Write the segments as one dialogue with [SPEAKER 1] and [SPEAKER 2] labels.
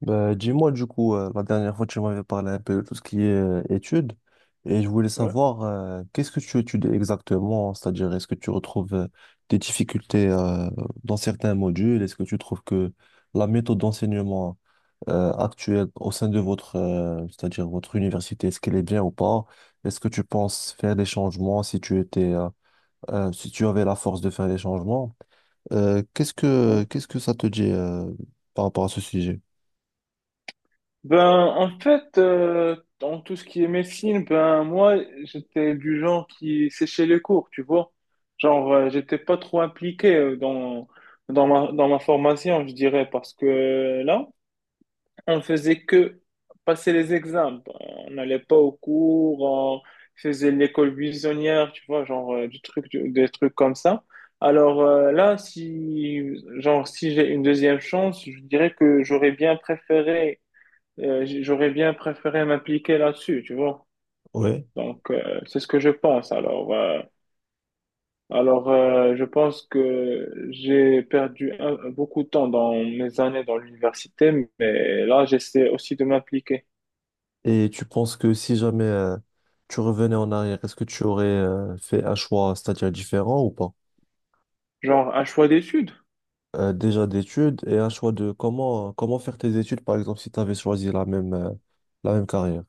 [SPEAKER 1] Bah, dis-moi du coup, la dernière fois tu m'avais parlé un peu de tout ce qui est études et je voulais
[SPEAKER 2] Ouais,
[SPEAKER 1] savoir qu'est-ce que tu étudies exactement, c'est-à-dire est-ce que tu retrouves des difficultés dans certains modules, est-ce que tu trouves que la méthode d'enseignement actuelle au sein de votre, c'est-à-dire votre université, est-ce qu'elle est bien ou pas? Est-ce que tu penses faire des changements si tu étais, si tu avais la force de faire des changements?
[SPEAKER 2] ouais.
[SPEAKER 1] Qu'est-ce que ça te dit par rapport à ce sujet?
[SPEAKER 2] Ben, en fait, dans tout ce qui est médecine, ben, moi, j'étais du genre qui séchait les cours, tu vois. Genre, j'étais pas trop impliqué dans ma formation, je dirais, parce que là, on faisait que passer les examens. Ben, on n'allait pas au cours, on faisait l'école buissonnière, tu vois, genre, des trucs comme ça. Alors là, si, genre, si j'ai une deuxième chance, je dirais que j'aurais bien préféré m'impliquer là-dessus, tu vois.
[SPEAKER 1] Ouais.
[SPEAKER 2] Donc, c'est ce que je pense. Alors, je pense que j'ai perdu beaucoup de temps dans mes années dans l'université, mais là, j'essaie aussi de m'impliquer.
[SPEAKER 1] Et tu penses que si jamais tu revenais en arrière, est-ce que tu aurais fait un choix, c'est-à-dire différent ou pas?
[SPEAKER 2] Genre, un choix d'études.
[SPEAKER 1] Déjà d'études et un choix de comment, comment faire tes études, par exemple, si tu avais choisi la même carrière.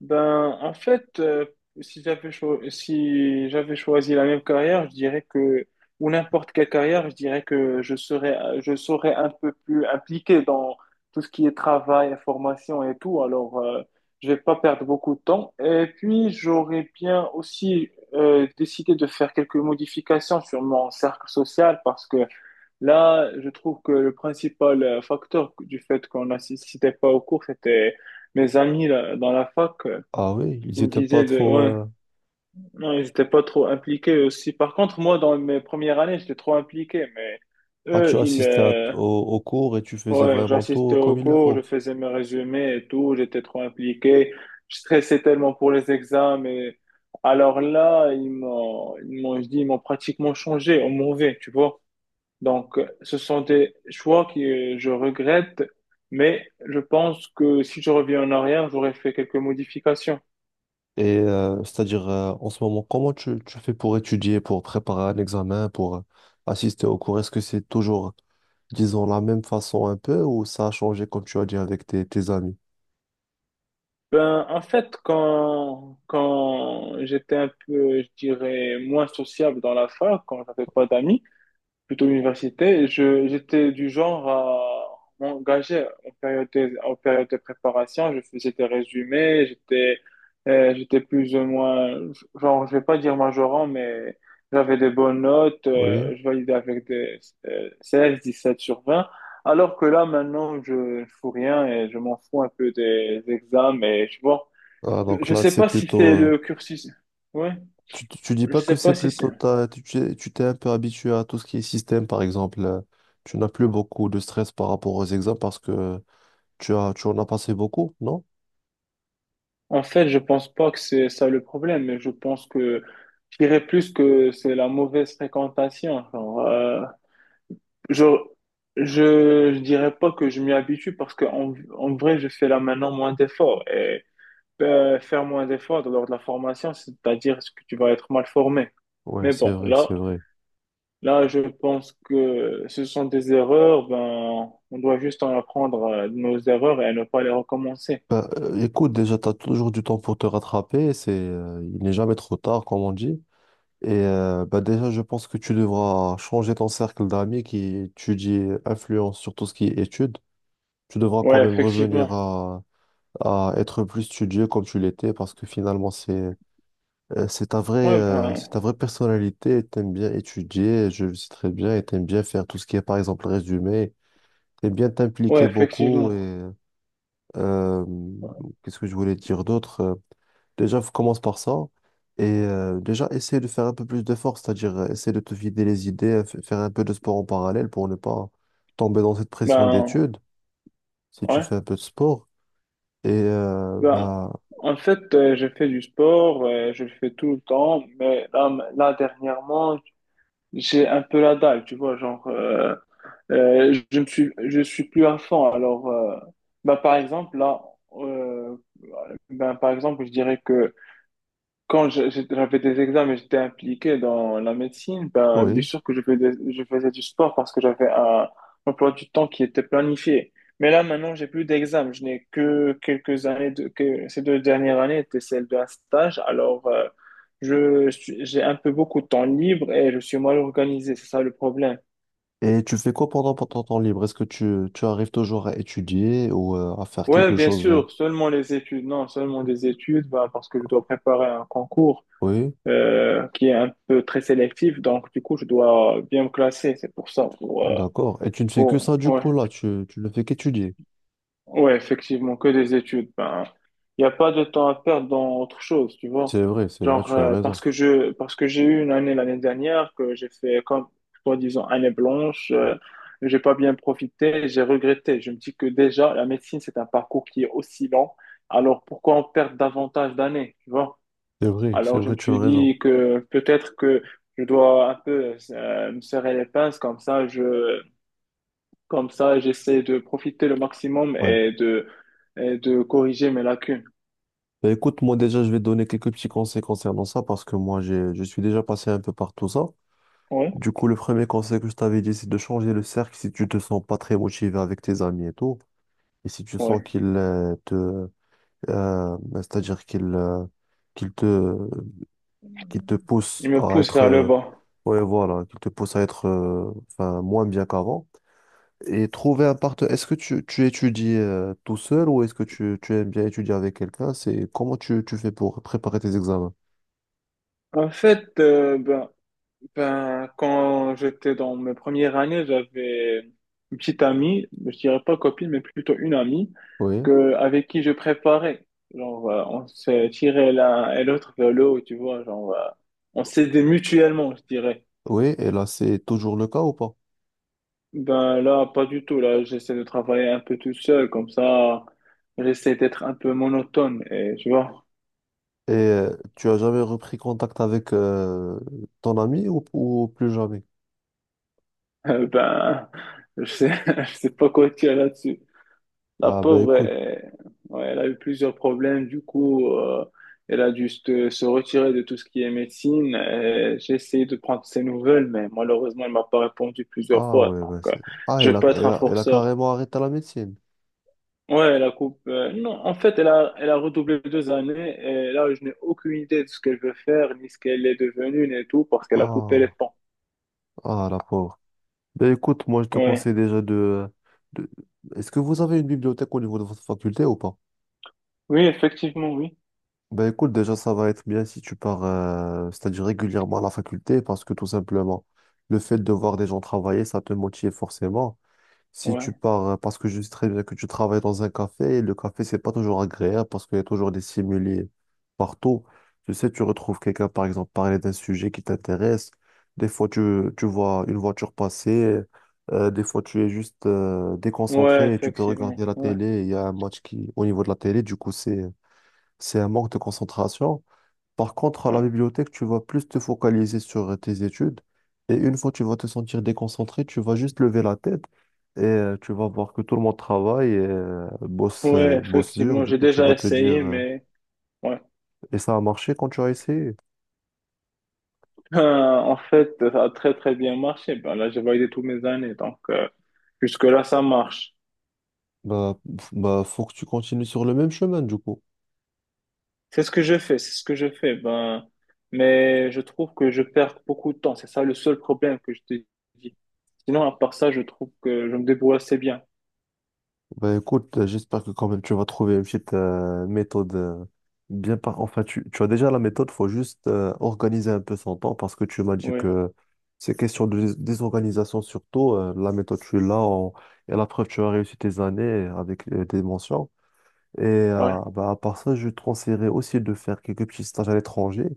[SPEAKER 2] Ben, en fait, si j'avais choisi la même carrière, je dirais que, ou n'importe quelle carrière, je dirais que je serais un peu plus impliqué dans tout ce qui est travail, formation et tout. Alors, je vais pas perdre beaucoup de temps. Et puis, j'aurais bien aussi décidé de faire quelques modifications sur mon cercle social parce que là, je trouve que le principal facteur du fait qu'on n'assistait pas au cours, c'était mes amis là, dans la fac.
[SPEAKER 1] Ah oui, ils
[SPEAKER 2] Ils me
[SPEAKER 1] étaient pas
[SPEAKER 2] disaient de,
[SPEAKER 1] trop...
[SPEAKER 2] ouais, non, ils n'étaient pas trop impliqués aussi. Par contre, moi, dans mes premières années, j'étais trop impliqué, mais
[SPEAKER 1] Ah, tu
[SPEAKER 2] eux,
[SPEAKER 1] assistais au, au cours et tu faisais
[SPEAKER 2] ouais,
[SPEAKER 1] vraiment tout
[SPEAKER 2] j'assistais aux
[SPEAKER 1] comme il le
[SPEAKER 2] cours, je
[SPEAKER 1] faut.
[SPEAKER 2] faisais mes résumés et tout, j'étais trop impliqué. Je stressais tellement pour les examens. Et. Alors là, ils m'ont pratiquement changé au mauvais, tu vois. Donc, ce sont des choix que je regrette, mais je pense que si je reviens en arrière, j'aurais fait quelques modifications.
[SPEAKER 1] Et c'est-à-dire, en ce moment, comment tu, tu fais pour étudier, pour préparer un examen, pour assister au cours? Est-ce que c'est toujours, disons, la même façon un peu ou ça a changé, comme tu as dit, avec tes, tes amis?
[SPEAKER 2] Ben, en fait, quand j'étais un peu, je dirais, moins sociable dans la fac, quand j'avais pas d'amis, plutôt l'université. Et j'étais du genre à m'engager en période de préparation. Je faisais des résumés, j'étais plus ou moins, genre, je vais pas dire majorant, mais j'avais des bonnes notes.
[SPEAKER 1] Oui.
[SPEAKER 2] Je validais avec des 17 sur 20. Alors que là, maintenant, je fous rien et je m'en fous un peu des examens. Et je vois,
[SPEAKER 1] Ah, donc
[SPEAKER 2] je
[SPEAKER 1] là,
[SPEAKER 2] sais
[SPEAKER 1] c'est
[SPEAKER 2] pas si
[SPEAKER 1] plutôt...
[SPEAKER 2] c'est le cursus. Ouais,
[SPEAKER 1] tu, tu dis
[SPEAKER 2] je
[SPEAKER 1] pas
[SPEAKER 2] sais
[SPEAKER 1] que
[SPEAKER 2] pas
[SPEAKER 1] c'est
[SPEAKER 2] si c'est.
[SPEAKER 1] plutôt... tu t'es un peu habitué à tout ce qui est système, par exemple. Tu n'as plus beaucoup de stress par rapport aux examens parce que tu as, tu en as passé beaucoup, non?
[SPEAKER 2] En fait, je pense pas que c'est ça le problème, mais je pense que je dirais plus que c'est la mauvaise fréquentation. Genre, je, je dirais pas que je m'y habitue parce que en vrai, je fais là maintenant moins d'efforts et faire moins d'efforts lors de la formation, c'est-à-dire que tu vas être mal formé.
[SPEAKER 1] Ouais,
[SPEAKER 2] Mais
[SPEAKER 1] c'est
[SPEAKER 2] bon,
[SPEAKER 1] vrai,
[SPEAKER 2] là,
[SPEAKER 1] c'est vrai.
[SPEAKER 2] là, je pense que ce sont des erreurs. Ben, on doit juste en apprendre de nos erreurs et ne pas les recommencer.
[SPEAKER 1] Bah, écoute, déjà, tu as toujours du temps pour te rattraper. C'est, il n'est jamais trop tard, comme on dit. Et bah, déjà, je pense que tu devras changer ton cercle d'amis qui étudie influence sur tout ce qui est études. Tu devras quand
[SPEAKER 2] Ouais,
[SPEAKER 1] même
[SPEAKER 2] effectivement.
[SPEAKER 1] revenir à être plus studieux comme tu l'étais parce que finalement,
[SPEAKER 2] Ouais,
[SPEAKER 1] c'est
[SPEAKER 2] ben,
[SPEAKER 1] ta vraie personnalité. Tu aimes bien étudier, je le sais très bien, et tu aimes bien faire tout ce qui est, par exemple, résumé. Tu aimes bien
[SPEAKER 2] ouais,
[SPEAKER 1] t'impliquer beaucoup
[SPEAKER 2] effectivement.
[SPEAKER 1] et. euh, Qu'est-ce que je voulais dire d'autre? Déjà, commence par ça. Et déjà, essaie de faire un peu plus d'efforts, c'est-à-dire essaie de te vider les idées, faire un peu de sport en parallèle pour ne pas tomber dans cette pression
[SPEAKER 2] Ben,
[SPEAKER 1] d'études, si tu
[SPEAKER 2] ouais.
[SPEAKER 1] fais un peu de sport. Et
[SPEAKER 2] Ben,
[SPEAKER 1] bah
[SPEAKER 2] en fait, je fais du sport, je le fais tout le temps, mais là, là dernièrement, j'ai un peu la dalle, tu vois, genre, je ne suis, je suis plus à fond. Alors, ben, par exemple, là, euh, ben, par exemple, je dirais que quand j'avais des examens et j'étais impliqué dans la médecine, ben, bien
[SPEAKER 1] oui.
[SPEAKER 2] sûr que je faisais du sport parce que j'avais un emploi du temps qui était planifié. Mais là, maintenant, j'ai plus d'examens. Je n'ai que quelques années de, que ces deux dernières années étaient celles d'un stage. Alors, j'ai un peu beaucoup de temps libre et je suis mal organisé. C'est ça le problème.
[SPEAKER 1] Et tu fais quoi pendant pendant ton temps libre? Est-ce que tu arrives toujours à étudier ou à faire
[SPEAKER 2] Ouais,
[SPEAKER 1] quelque
[SPEAKER 2] bien
[SPEAKER 1] chose de...
[SPEAKER 2] sûr, seulement les études. Non, seulement des études, ben, parce que je dois préparer un concours,
[SPEAKER 1] Oui,
[SPEAKER 2] qui est un peu très sélectif. Donc, du coup, je dois bien me classer. C'est pour ça.
[SPEAKER 1] d'accord. Et tu ne fais que ça du
[SPEAKER 2] Ouais.
[SPEAKER 1] coup là, tu ne fais qu'étudier.
[SPEAKER 2] Ouais, effectivement, que des études. Ben, il n'y a pas de temps à perdre dans autre chose, tu vois.
[SPEAKER 1] C'est vrai,
[SPEAKER 2] Genre,
[SPEAKER 1] tu as
[SPEAKER 2] parce
[SPEAKER 1] raison.
[SPEAKER 2] que je, parce que j'ai eu une année l'année dernière que j'ai fait comme, toi disons, année blanche. J'ai pas bien profité, j'ai regretté. Je me dis que déjà, la médecine, c'est un parcours qui est aussi long. Alors, pourquoi on perd davantage d'années, tu vois?
[SPEAKER 1] C'est
[SPEAKER 2] Alors, je
[SPEAKER 1] vrai,
[SPEAKER 2] me
[SPEAKER 1] tu as
[SPEAKER 2] suis
[SPEAKER 1] raison.
[SPEAKER 2] dit que peut-être que je dois un peu me serrer les pinces, comme ça, j'essaie de profiter le maximum
[SPEAKER 1] Ouais.
[SPEAKER 2] et de corriger mes lacunes.
[SPEAKER 1] Bah, écoute, moi déjà, je vais te donner quelques petits conseils concernant ça parce que moi, j'ai, je suis déjà passé un peu par tout ça.
[SPEAKER 2] Oui,
[SPEAKER 1] Du coup, le premier conseil que je t'avais dit, c'est de changer le cercle si tu te sens pas très motivé avec tes amis et tout. Et si tu sens
[SPEAKER 2] oui.
[SPEAKER 1] qu'ils te, c'est-à-dire qu'ils qu'ils te, qu'ils te
[SPEAKER 2] Il
[SPEAKER 1] poussent
[SPEAKER 2] me
[SPEAKER 1] à
[SPEAKER 2] pousse
[SPEAKER 1] être,
[SPEAKER 2] vers le bas.
[SPEAKER 1] ouais, voilà, qu'ils te poussent à être enfin, moins bien qu'avant. Et trouver un partenaire. Est-ce que tu étudies tout seul ou est-ce que tu aimes bien étudier avec quelqu'un? C'est comment tu, tu fais pour préparer tes examens?
[SPEAKER 2] En fait, Ben, quand j'étais dans mes premières années, j'avais une petite amie, je dirais pas copine, mais plutôt une amie,
[SPEAKER 1] Oui.
[SPEAKER 2] avec qui je préparais. Genre, on s'est tiré l'un et l'autre vers le haut, tu vois, genre, on s'aidait mutuellement, je dirais.
[SPEAKER 1] Oui, et là, c'est toujours le cas ou pas?
[SPEAKER 2] Ben là, pas du tout. Là, j'essaie de travailler un peu tout seul, comme ça, j'essaie d'être un peu monotone, et tu vois,
[SPEAKER 1] Et tu as jamais repris contact avec ton ami ou plus jamais?
[SPEAKER 2] ben, je sais, je sais pas quoi dire là-dessus. La
[SPEAKER 1] Ah, ben
[SPEAKER 2] pauvre,
[SPEAKER 1] écoute.
[SPEAKER 2] ouais, elle a eu plusieurs problèmes. Du coup, elle a dû se retirer de tout ce qui est médecine. J'ai essayé de prendre ses nouvelles, mais malheureusement, elle m'a pas répondu plusieurs
[SPEAKER 1] Ah,
[SPEAKER 2] fois.
[SPEAKER 1] ouais,
[SPEAKER 2] Donc,
[SPEAKER 1] ben c'est... Ah,
[SPEAKER 2] je
[SPEAKER 1] elle
[SPEAKER 2] veux
[SPEAKER 1] a,
[SPEAKER 2] pas être un
[SPEAKER 1] elle a
[SPEAKER 2] forceur.
[SPEAKER 1] carrément arrêté la médecine.
[SPEAKER 2] Ouais, la coupe. Non, en fait, elle a redoublé deux années et là, je n'ai aucune idée de ce qu'elle veut faire, ni ce qu'elle est devenue, ni tout, parce qu'elle a coupé les
[SPEAKER 1] Ah,
[SPEAKER 2] ponts.
[SPEAKER 1] ah, la pauvre. Ben écoute, moi, je te
[SPEAKER 2] Ouais.
[SPEAKER 1] conseille déjà de... Est-ce que vous avez une bibliothèque au niveau de votre faculté ou pas?
[SPEAKER 2] Oui, effectivement, oui.
[SPEAKER 1] Ben écoute, déjà, ça va être bien si tu pars, c'est-à-dire régulièrement à la faculté, parce que tout simplement, le fait de voir des gens travailler, ça te motive forcément. Si tu
[SPEAKER 2] Ouais.
[SPEAKER 1] pars, parce que je sais très bien que tu travailles dans un café, et le café, c'est pas toujours agréable parce qu'il y a toujours des stimuli partout. Tu sais, tu retrouves quelqu'un, par exemple, parler d'un sujet qui t'intéresse. Des fois, tu vois une voiture passer. Des fois, tu es juste
[SPEAKER 2] Ouais,
[SPEAKER 1] déconcentré et tu peux
[SPEAKER 2] effectivement.
[SPEAKER 1] regarder la
[SPEAKER 2] Ouais.
[SPEAKER 1] télé. Il y a un match qui, au niveau de la télé, du coup, c'est un manque de concentration. Par contre, à la
[SPEAKER 2] Ouais,
[SPEAKER 1] bibliothèque, tu vas plus te focaliser sur tes études. Et une fois que tu vas te sentir déconcentré, tu vas juste lever la tête et tu vas voir que tout le monde travaille et
[SPEAKER 2] ouais,
[SPEAKER 1] bosse dur.
[SPEAKER 2] effectivement.
[SPEAKER 1] Du
[SPEAKER 2] J'ai
[SPEAKER 1] coup, tu
[SPEAKER 2] déjà
[SPEAKER 1] vas te dire,
[SPEAKER 2] essayé, mais ouais.
[SPEAKER 1] et ça a marché quand tu as essayé.
[SPEAKER 2] En fait, ça a très très bien marché. Ben là, j'ai validé tous mes années, donc jusque-là, ça marche.
[SPEAKER 1] Bah, bah, faut que tu continues sur le même chemin, du coup.
[SPEAKER 2] C'est ce que je fais, c'est ce que je fais. Ben, mais je trouve que je perds beaucoup de temps. C'est ça le seul problème que je te dis. Sinon, à part ça, je trouve que je me débrouille assez bien.
[SPEAKER 1] Bah écoute, j'espère que quand même tu vas trouver une petite méthode bien par... Enfin, tu as déjà la méthode, faut juste organiser un peu son temps parce que tu m'as dit
[SPEAKER 2] Oui,
[SPEAKER 1] que c'est question de désorganisation surtout. La méthode, et la preuve, tu as réussi tes années avec des mentions. Et
[SPEAKER 2] ouais,
[SPEAKER 1] bah, à part ça, je te conseillerais aussi de faire quelques petits stages à l'étranger.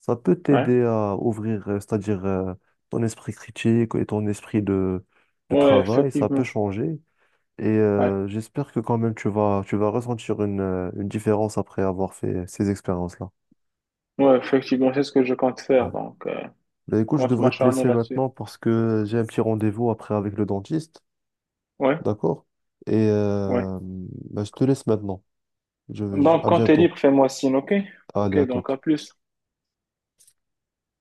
[SPEAKER 1] Ça peut
[SPEAKER 2] ouais,
[SPEAKER 1] t'aider à ouvrir, c'est-à-dire ton esprit critique et ton esprit de
[SPEAKER 2] ouais,
[SPEAKER 1] travail. Ça peut
[SPEAKER 2] effectivement.
[SPEAKER 1] changer. Et
[SPEAKER 2] Ouais,
[SPEAKER 1] j'espère que quand même tu vas ressentir une différence après avoir fait ces expériences-là.
[SPEAKER 2] ouais, effectivement, c'est ce que je compte faire.
[SPEAKER 1] Ouais.
[SPEAKER 2] Donc,
[SPEAKER 1] Bah,
[SPEAKER 2] je
[SPEAKER 1] écoute, je
[SPEAKER 2] compte
[SPEAKER 1] devrais te
[SPEAKER 2] m'acharner
[SPEAKER 1] laisser
[SPEAKER 2] là-dessus.
[SPEAKER 1] maintenant parce que j'ai un petit rendez-vous après avec le dentiste.
[SPEAKER 2] Ouais,
[SPEAKER 1] D'accord? Et
[SPEAKER 2] ouais.
[SPEAKER 1] bah, je te laisse maintenant. Je,
[SPEAKER 2] Donc,
[SPEAKER 1] à
[SPEAKER 2] quand t'es
[SPEAKER 1] bientôt.
[SPEAKER 2] libre, fais-moi signe, ok?
[SPEAKER 1] Allez,
[SPEAKER 2] Ok,
[SPEAKER 1] à
[SPEAKER 2] donc
[SPEAKER 1] toute.
[SPEAKER 2] à plus.